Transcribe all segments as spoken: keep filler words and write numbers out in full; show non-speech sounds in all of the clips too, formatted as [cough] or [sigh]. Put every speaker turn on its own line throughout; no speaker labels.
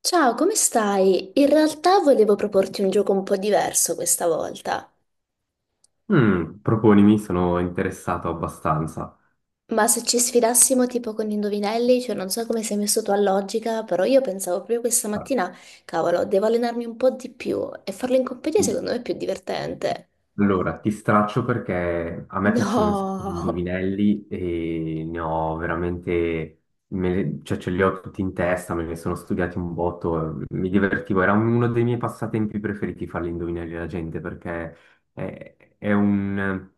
Ciao, come stai? In realtà volevo proporti un gioco un po' diverso questa volta,
Mm, proponimi, sono interessato abbastanza.
ma se ci sfidassimo tipo con gli indovinelli, cioè non so come sei messo tu a logica, però io pensavo proprio questa mattina, cavolo, devo allenarmi un po' di più e farlo in compagnia
Sì.
secondo me è più divertente.
Allora, ti straccio perché a me piacciono un sacco di
No,
indovinelli e ne ho veramente, me- cioè ce li ho tutti in testa, me ne sono studiati un botto, eh, mi divertivo, era uno dei miei passatempi preferiti fare gli indovinelli alla gente perché è, è un,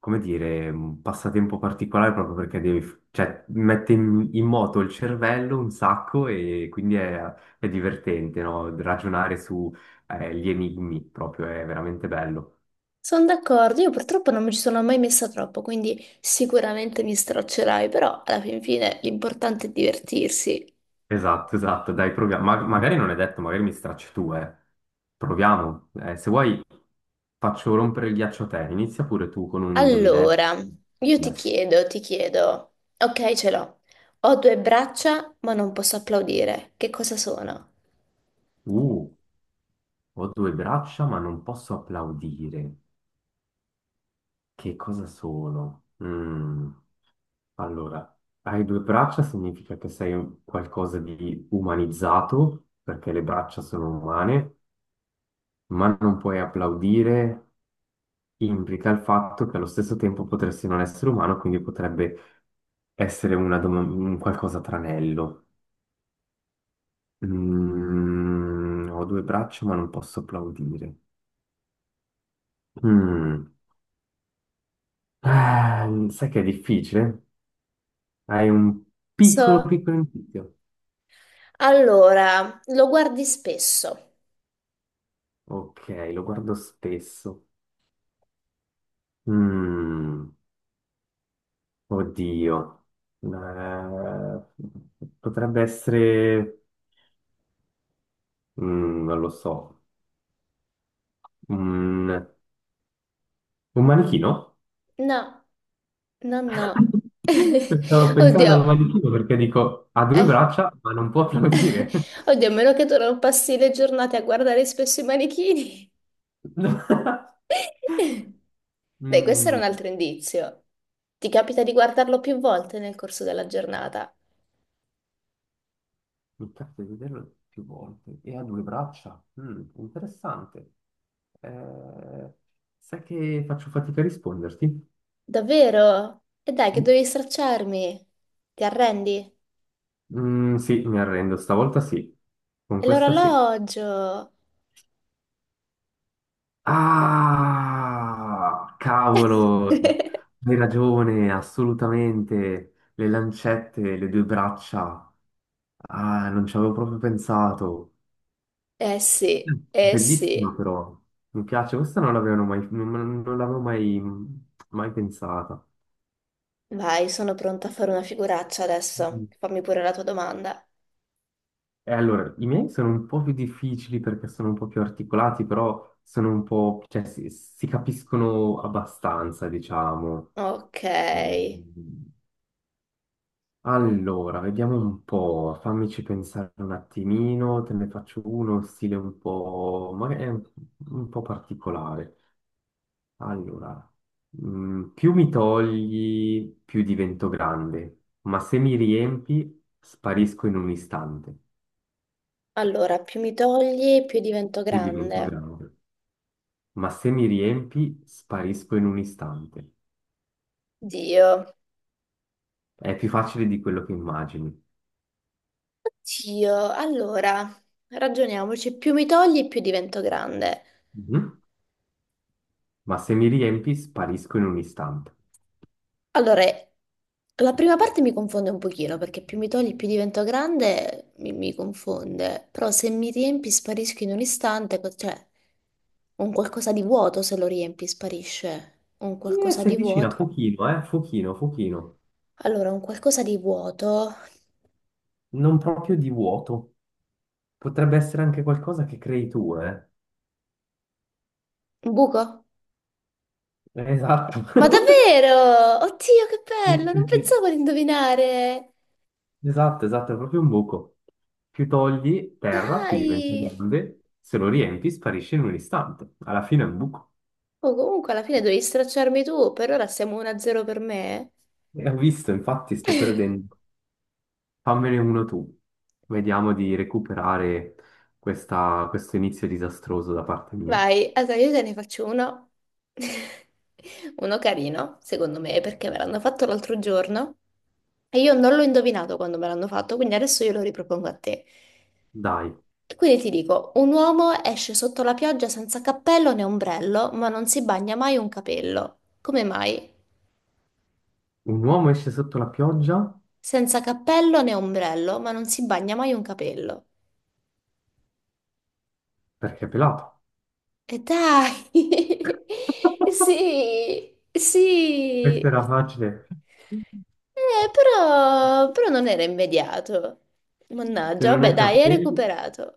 come dire, un passatempo particolare proprio perché devi, cioè, mette in, in moto il cervello un sacco e quindi è, è divertente, no? Ragionare su eh, gli enigmi proprio è veramente bello.
sono d'accordo, io purtroppo non mi ci sono mai messa troppo, quindi sicuramente mi straccerai, però alla fin fine l'importante è divertirsi.
Esatto, esatto, dai, proviamo. Ma- magari non è detto, magari mi stracci tu, eh. Proviamo. Eh, se vuoi faccio rompere il ghiaccio a te. Inizia pure tu con un indovinello.
Allora, io ti
Adesso.
chiedo, ti chiedo, ok, ce l'ho. Ho due braccia, ma non posso applaudire. Che cosa sono?
Uh, Ho due braccia ma non posso applaudire. Che cosa sono? Mm. Allora, hai due braccia significa che sei un- qualcosa di umanizzato, perché le braccia sono umane, ma non puoi applaudire, implica il fatto che allo stesso tempo potresti non essere umano, quindi potrebbe essere una dom- un qualcosa tranello. Mm, ho due braccia, ma non posso applaudire. Mm. Eh, sai che è difficile? Hai un piccolo,
So.
piccolo indizio.
Allora, lo guardi spesso?
Ok, lo guardo spesso. Mm. Oddio, eh, potrebbe essere, mm, non lo so, un un manichino?
No, no, no.
[laughs]
[laughs]
Stavo pensando
Oddio,
al manichino perché dico, ha due
eh.
braccia, ma non può applaudire.
[laughs] Oddio, a meno che tu non passi le giornate a guardare spesso i manichini.
[laughs]
[laughs] Dai, questo era
Mm,
un altro indizio. Ti capita di guardarlo più volte nel corso della giornata?
mi capita di vederlo più volte e ha due braccia. Mm, interessante. Eh, sai che faccio fatica a risponderti?
Davvero? E dai, che dovevi stracciarmi? Ti arrendi?
Mm, sì, mi arrendo, stavolta sì, con
E
questa sì.
l'orologio?
Ah, cavolo,
[laughs]
hai ragione, assolutamente. Le lancette, le due braccia. Ah, non ci avevo proprio pensato.
Eh sì,
Mm.
eh
Bellissima
sì.
però. Mi piace, questa non l'avevano mai, non, non l'avevo mai, mai pensata.
Vai, sono pronta a fare una figuraccia
Mm.
adesso. Fammi pure la tua domanda.
E allora, i miei sono un po' più difficili perché sono un po' più articolati, però sono un po', cioè si, si capiscono abbastanza, diciamo.
Ok.
Mm. Allora, vediamo un po', fammici pensare un attimino, te ne faccio uno, stile un po', magari un un po' particolare. Allora, mm, più mi togli, più divento grande, ma se mi riempi, sparisco in un istante.
Allora, più mi togli, più divento
Più divento
grande.
grande, ma se mi riempi, sparisco in un istante.
Dio,
È più facile di quello che immagini.
Dio. Allora, ragioniamoci. Più mi togli, più divento grande.
Mhm. Ma se mi riempi, sparisco in un istante.
Allora, la prima parte mi confonde un pochino perché più mi togli, più divento grande, mi, mi confonde. Però se mi riempi sparisco in un istante, co- cioè un qualcosa di vuoto se lo riempi sparisce. Un
Eh,
qualcosa
sei
di
vicina,
vuoto.
pochino, eh, pochino, pochino.
Allora, un qualcosa di vuoto.
Non proprio di vuoto. Potrebbe essere anche qualcosa che crei tu, eh.
Un buco?
Esatto.
Ma
[laughs]
davvero? Oddio, che
Sì,
bello!
sì,
Non
sì.
pensavo di indovinare.
Esatto, esatto, è proprio un buco. Più togli terra, più diventa
Dai!
grande, se lo riempi sparisce in un istante. Alla fine è un buco.
Oh, comunque alla fine dovevi stracciarmi tu, per ora siamo uno a zero per me.
E ho visto, infatti, sto perdendo.
[laughs]
Fammene uno tu. Vediamo di recuperare questa- questo inizio disastroso da parte mia.
Vai, allora io te ne faccio uno, [laughs] uno carino, secondo me, perché me l'hanno fatto l'altro giorno e io non l'ho indovinato quando me l'hanno fatto, quindi adesso io lo ripropongo a te.
Dai,
E quindi ti dico, un uomo esce sotto la pioggia senza cappello né ombrello, ma non si bagna mai un capello. Come mai?
un uomo esce sotto la pioggia
Senza cappello né ombrello, ma non si bagna mai un capello.
perché è pelato.
E dai! [laughs] Sì,
Questa
sì.
era facile.
Eh, però, però non era immediato.
Se
Mannaggia,
non
vabbè,
hai
dai, hai
capelli...
recuperato.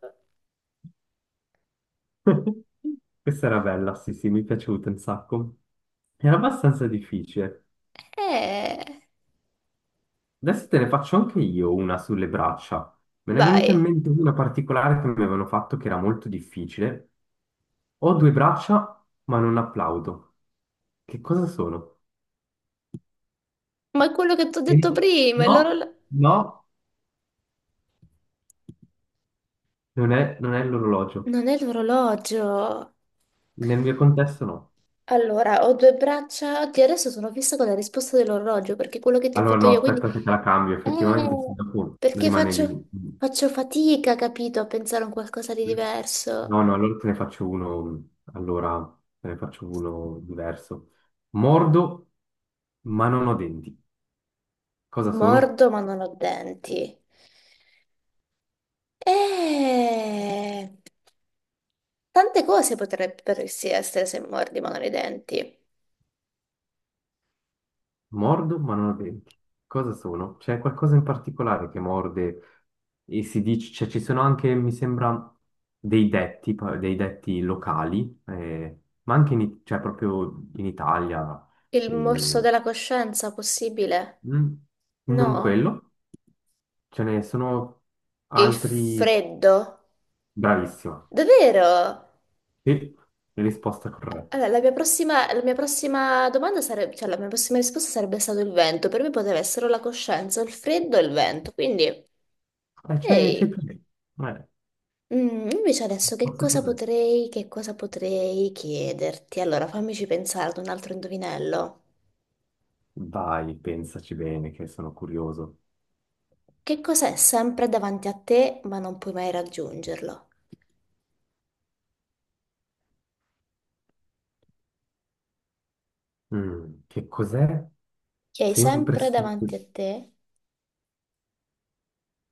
[laughs] Questa era bella, sì, sì, mi è piaciuta un sacco. Era abbastanza difficile.
Eh,
Adesso te ne faccio anche io una sulle braccia. Me ne è venuta in
vai.
mente una particolare che mi avevano fatto che era molto difficile. Ho due braccia, ma non applaudo. Che cosa sono?
Ma è quello che ti ho
E-
detto prima, è
No,
l'orologio.
no, non è, non è l'orologio.
Non è l'orologio.
Nel mio contesto no.
Allora, ho due braccia. Oddio, adesso sono fissa con la risposta dell'orologio perché è quello che ti ho
Allora
fatto
no,
io, quindi
aspetta che te la cambio, effettivamente se
eh,
dopo
perché
rimane lì.
faccio, faccio fatica, capito, a pensare a un qualcosa di diverso.
No, no, allora te ne faccio uno, allora te ne faccio uno diverso. Mordo, ma non ho denti. Cosa sono?
Mordo, ma non ho denti. Eh, tante cose potrebbero sì essere se mordi, ma non hai denti.
Mordo, ma non ho denti. Cosa sono? C'è qualcosa in particolare che morde e si dice, cioè ci sono anche, mi sembra, dei detti, pa- dei detti locali, eh, ma anche in, I- cioè, proprio in Italia.
Il
Eh,
morso
mm,
della coscienza, possibile?
non
No?
quello, ce ne sono
Il
altri,
freddo?
bravissimo.
Davvero?
Sì, risposta corretta.
Allora, la mia prossima, la mia prossima domanda sarebbe, cioè la mia prossima risposta sarebbe stato il vento. Per me poteva essere o la coscienza, o il freddo e il vento. Quindi,
Eh, c'hai c'hai
ehi.
più lì. Eh,
Mm, invece adesso che
risposta
cosa
corretta.
potrei, che cosa potrei chiederti? Allora, fammici pensare ad un altro indovinello.
Vai, pensaci bene, che sono curioso.
Che cos'è sempre davanti a te, ma non puoi mai raggiungerlo?
Mm, che cos'è?
Che hai
Sempre
sempre
su...
davanti a te,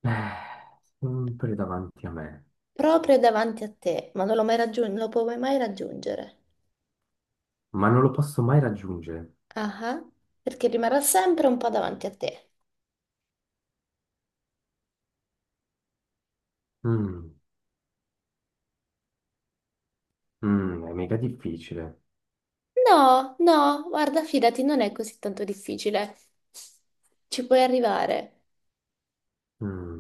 eh, sempre davanti a me,
proprio davanti a te, ma non lo, mai raggiun- non lo puoi mai raggiungere.
ma non lo posso mai raggiungere.
Ah, ah, perché rimarrà sempre un po' davanti a te.
Mm, mm, è mega difficile.
No, no, guarda, fidati, non è così tanto difficile. Ci puoi arrivare.
Mm.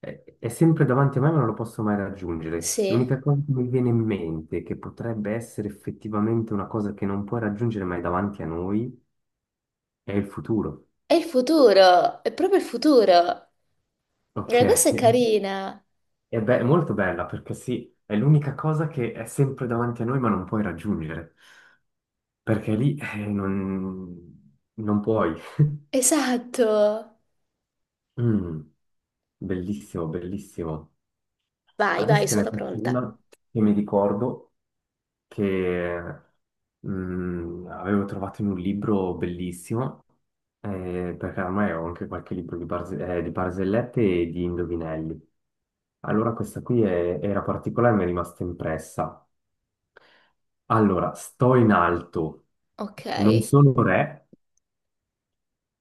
È, è sempre davanti a me, ma non lo posso mai raggiungere.
Sì.
L'unica cosa che mi viene in mente, che potrebbe essere effettivamente una cosa che non puoi raggiungere, ma è davanti a noi, è il futuro.
È il futuro, è proprio il futuro.
Ok,
Eh, questa
è,
è carina.
be- è molto bella perché sì, è l'unica cosa che è sempre davanti a noi ma non puoi raggiungere, perché lì eh, non, non puoi. [laughs]
Esatto.
Mm, bellissimo, bellissimo.
Vai, vai,
Adesso te ne
sono
faccio
pronta.
una che mi ricordo che mm, avevo trovato in un libro bellissimo, eh, perché ormai ho anche qualche libro di, barze- eh, di barzellette e di indovinelli. Allora questa qui è- era particolare e mi è rimasta impressa. Allora, sto in alto,
Ok.
non sono re,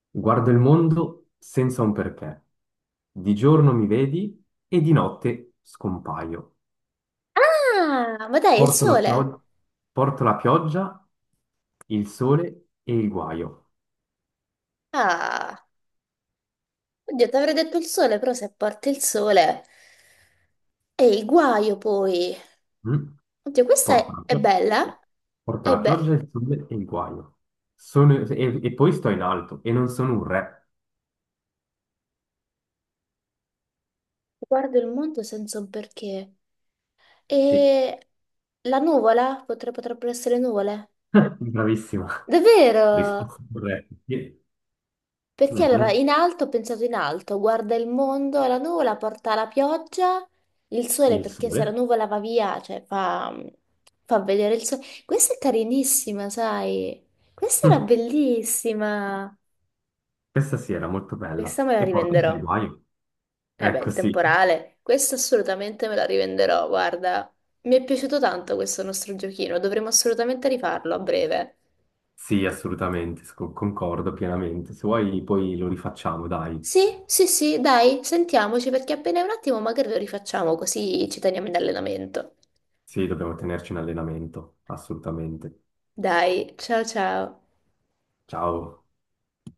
guardo il mondo senza un perché. Di giorno mi vedi e di notte scompaio.
Ah, ma dai, è il
Porto la
sole.
pioggia, porto la pioggia, il sole e il guaio.
Ah, oddio, ti avrei detto il sole, però se porti il sole è il guaio poi.
Mm?
Oddio, questa
Porto
è,
la
è
pioggia,
bella.
porto
E
la pioggia,
beh,
il sole e il guaio. Sono- e, e poi sto in alto e non sono un re.
guardo il mondo senza un perché.
Sì,
E la nuvola? Potre- potrebbero essere nuvole?
[laughs] bravissima,
Davvero?
risposta corretta. Sì.
Perché allora
Mhm.
in alto ho pensato in alto, guarda il mondo, la nuvola porta la pioggia, il sole
Il
perché se la
sole.
nuvola va via, cioè fa, fa vedere il sole. Questa è carinissima, sai? Questa era
Mm.
bellissima.
Questa sì era molto bella
Questa me la
e porta dei
rivenderò.
guai.
Eh beh,
Ecco,
il
sì,
temporale, questa assolutamente me la rivenderò, guarda. Mi è piaciuto tanto questo nostro giochino, dovremo assolutamente rifarlo a breve.
sì, assolutamente, sco- concordo pienamente. Se vuoi poi lo rifacciamo, dai.
Sì, sì, sì, dai, sentiamoci perché appena un attimo magari lo rifacciamo così ci teniamo in allenamento.
Sì, dobbiamo tenerci in allenamento, assolutamente.
Dai, ciao ciao.
Ciao.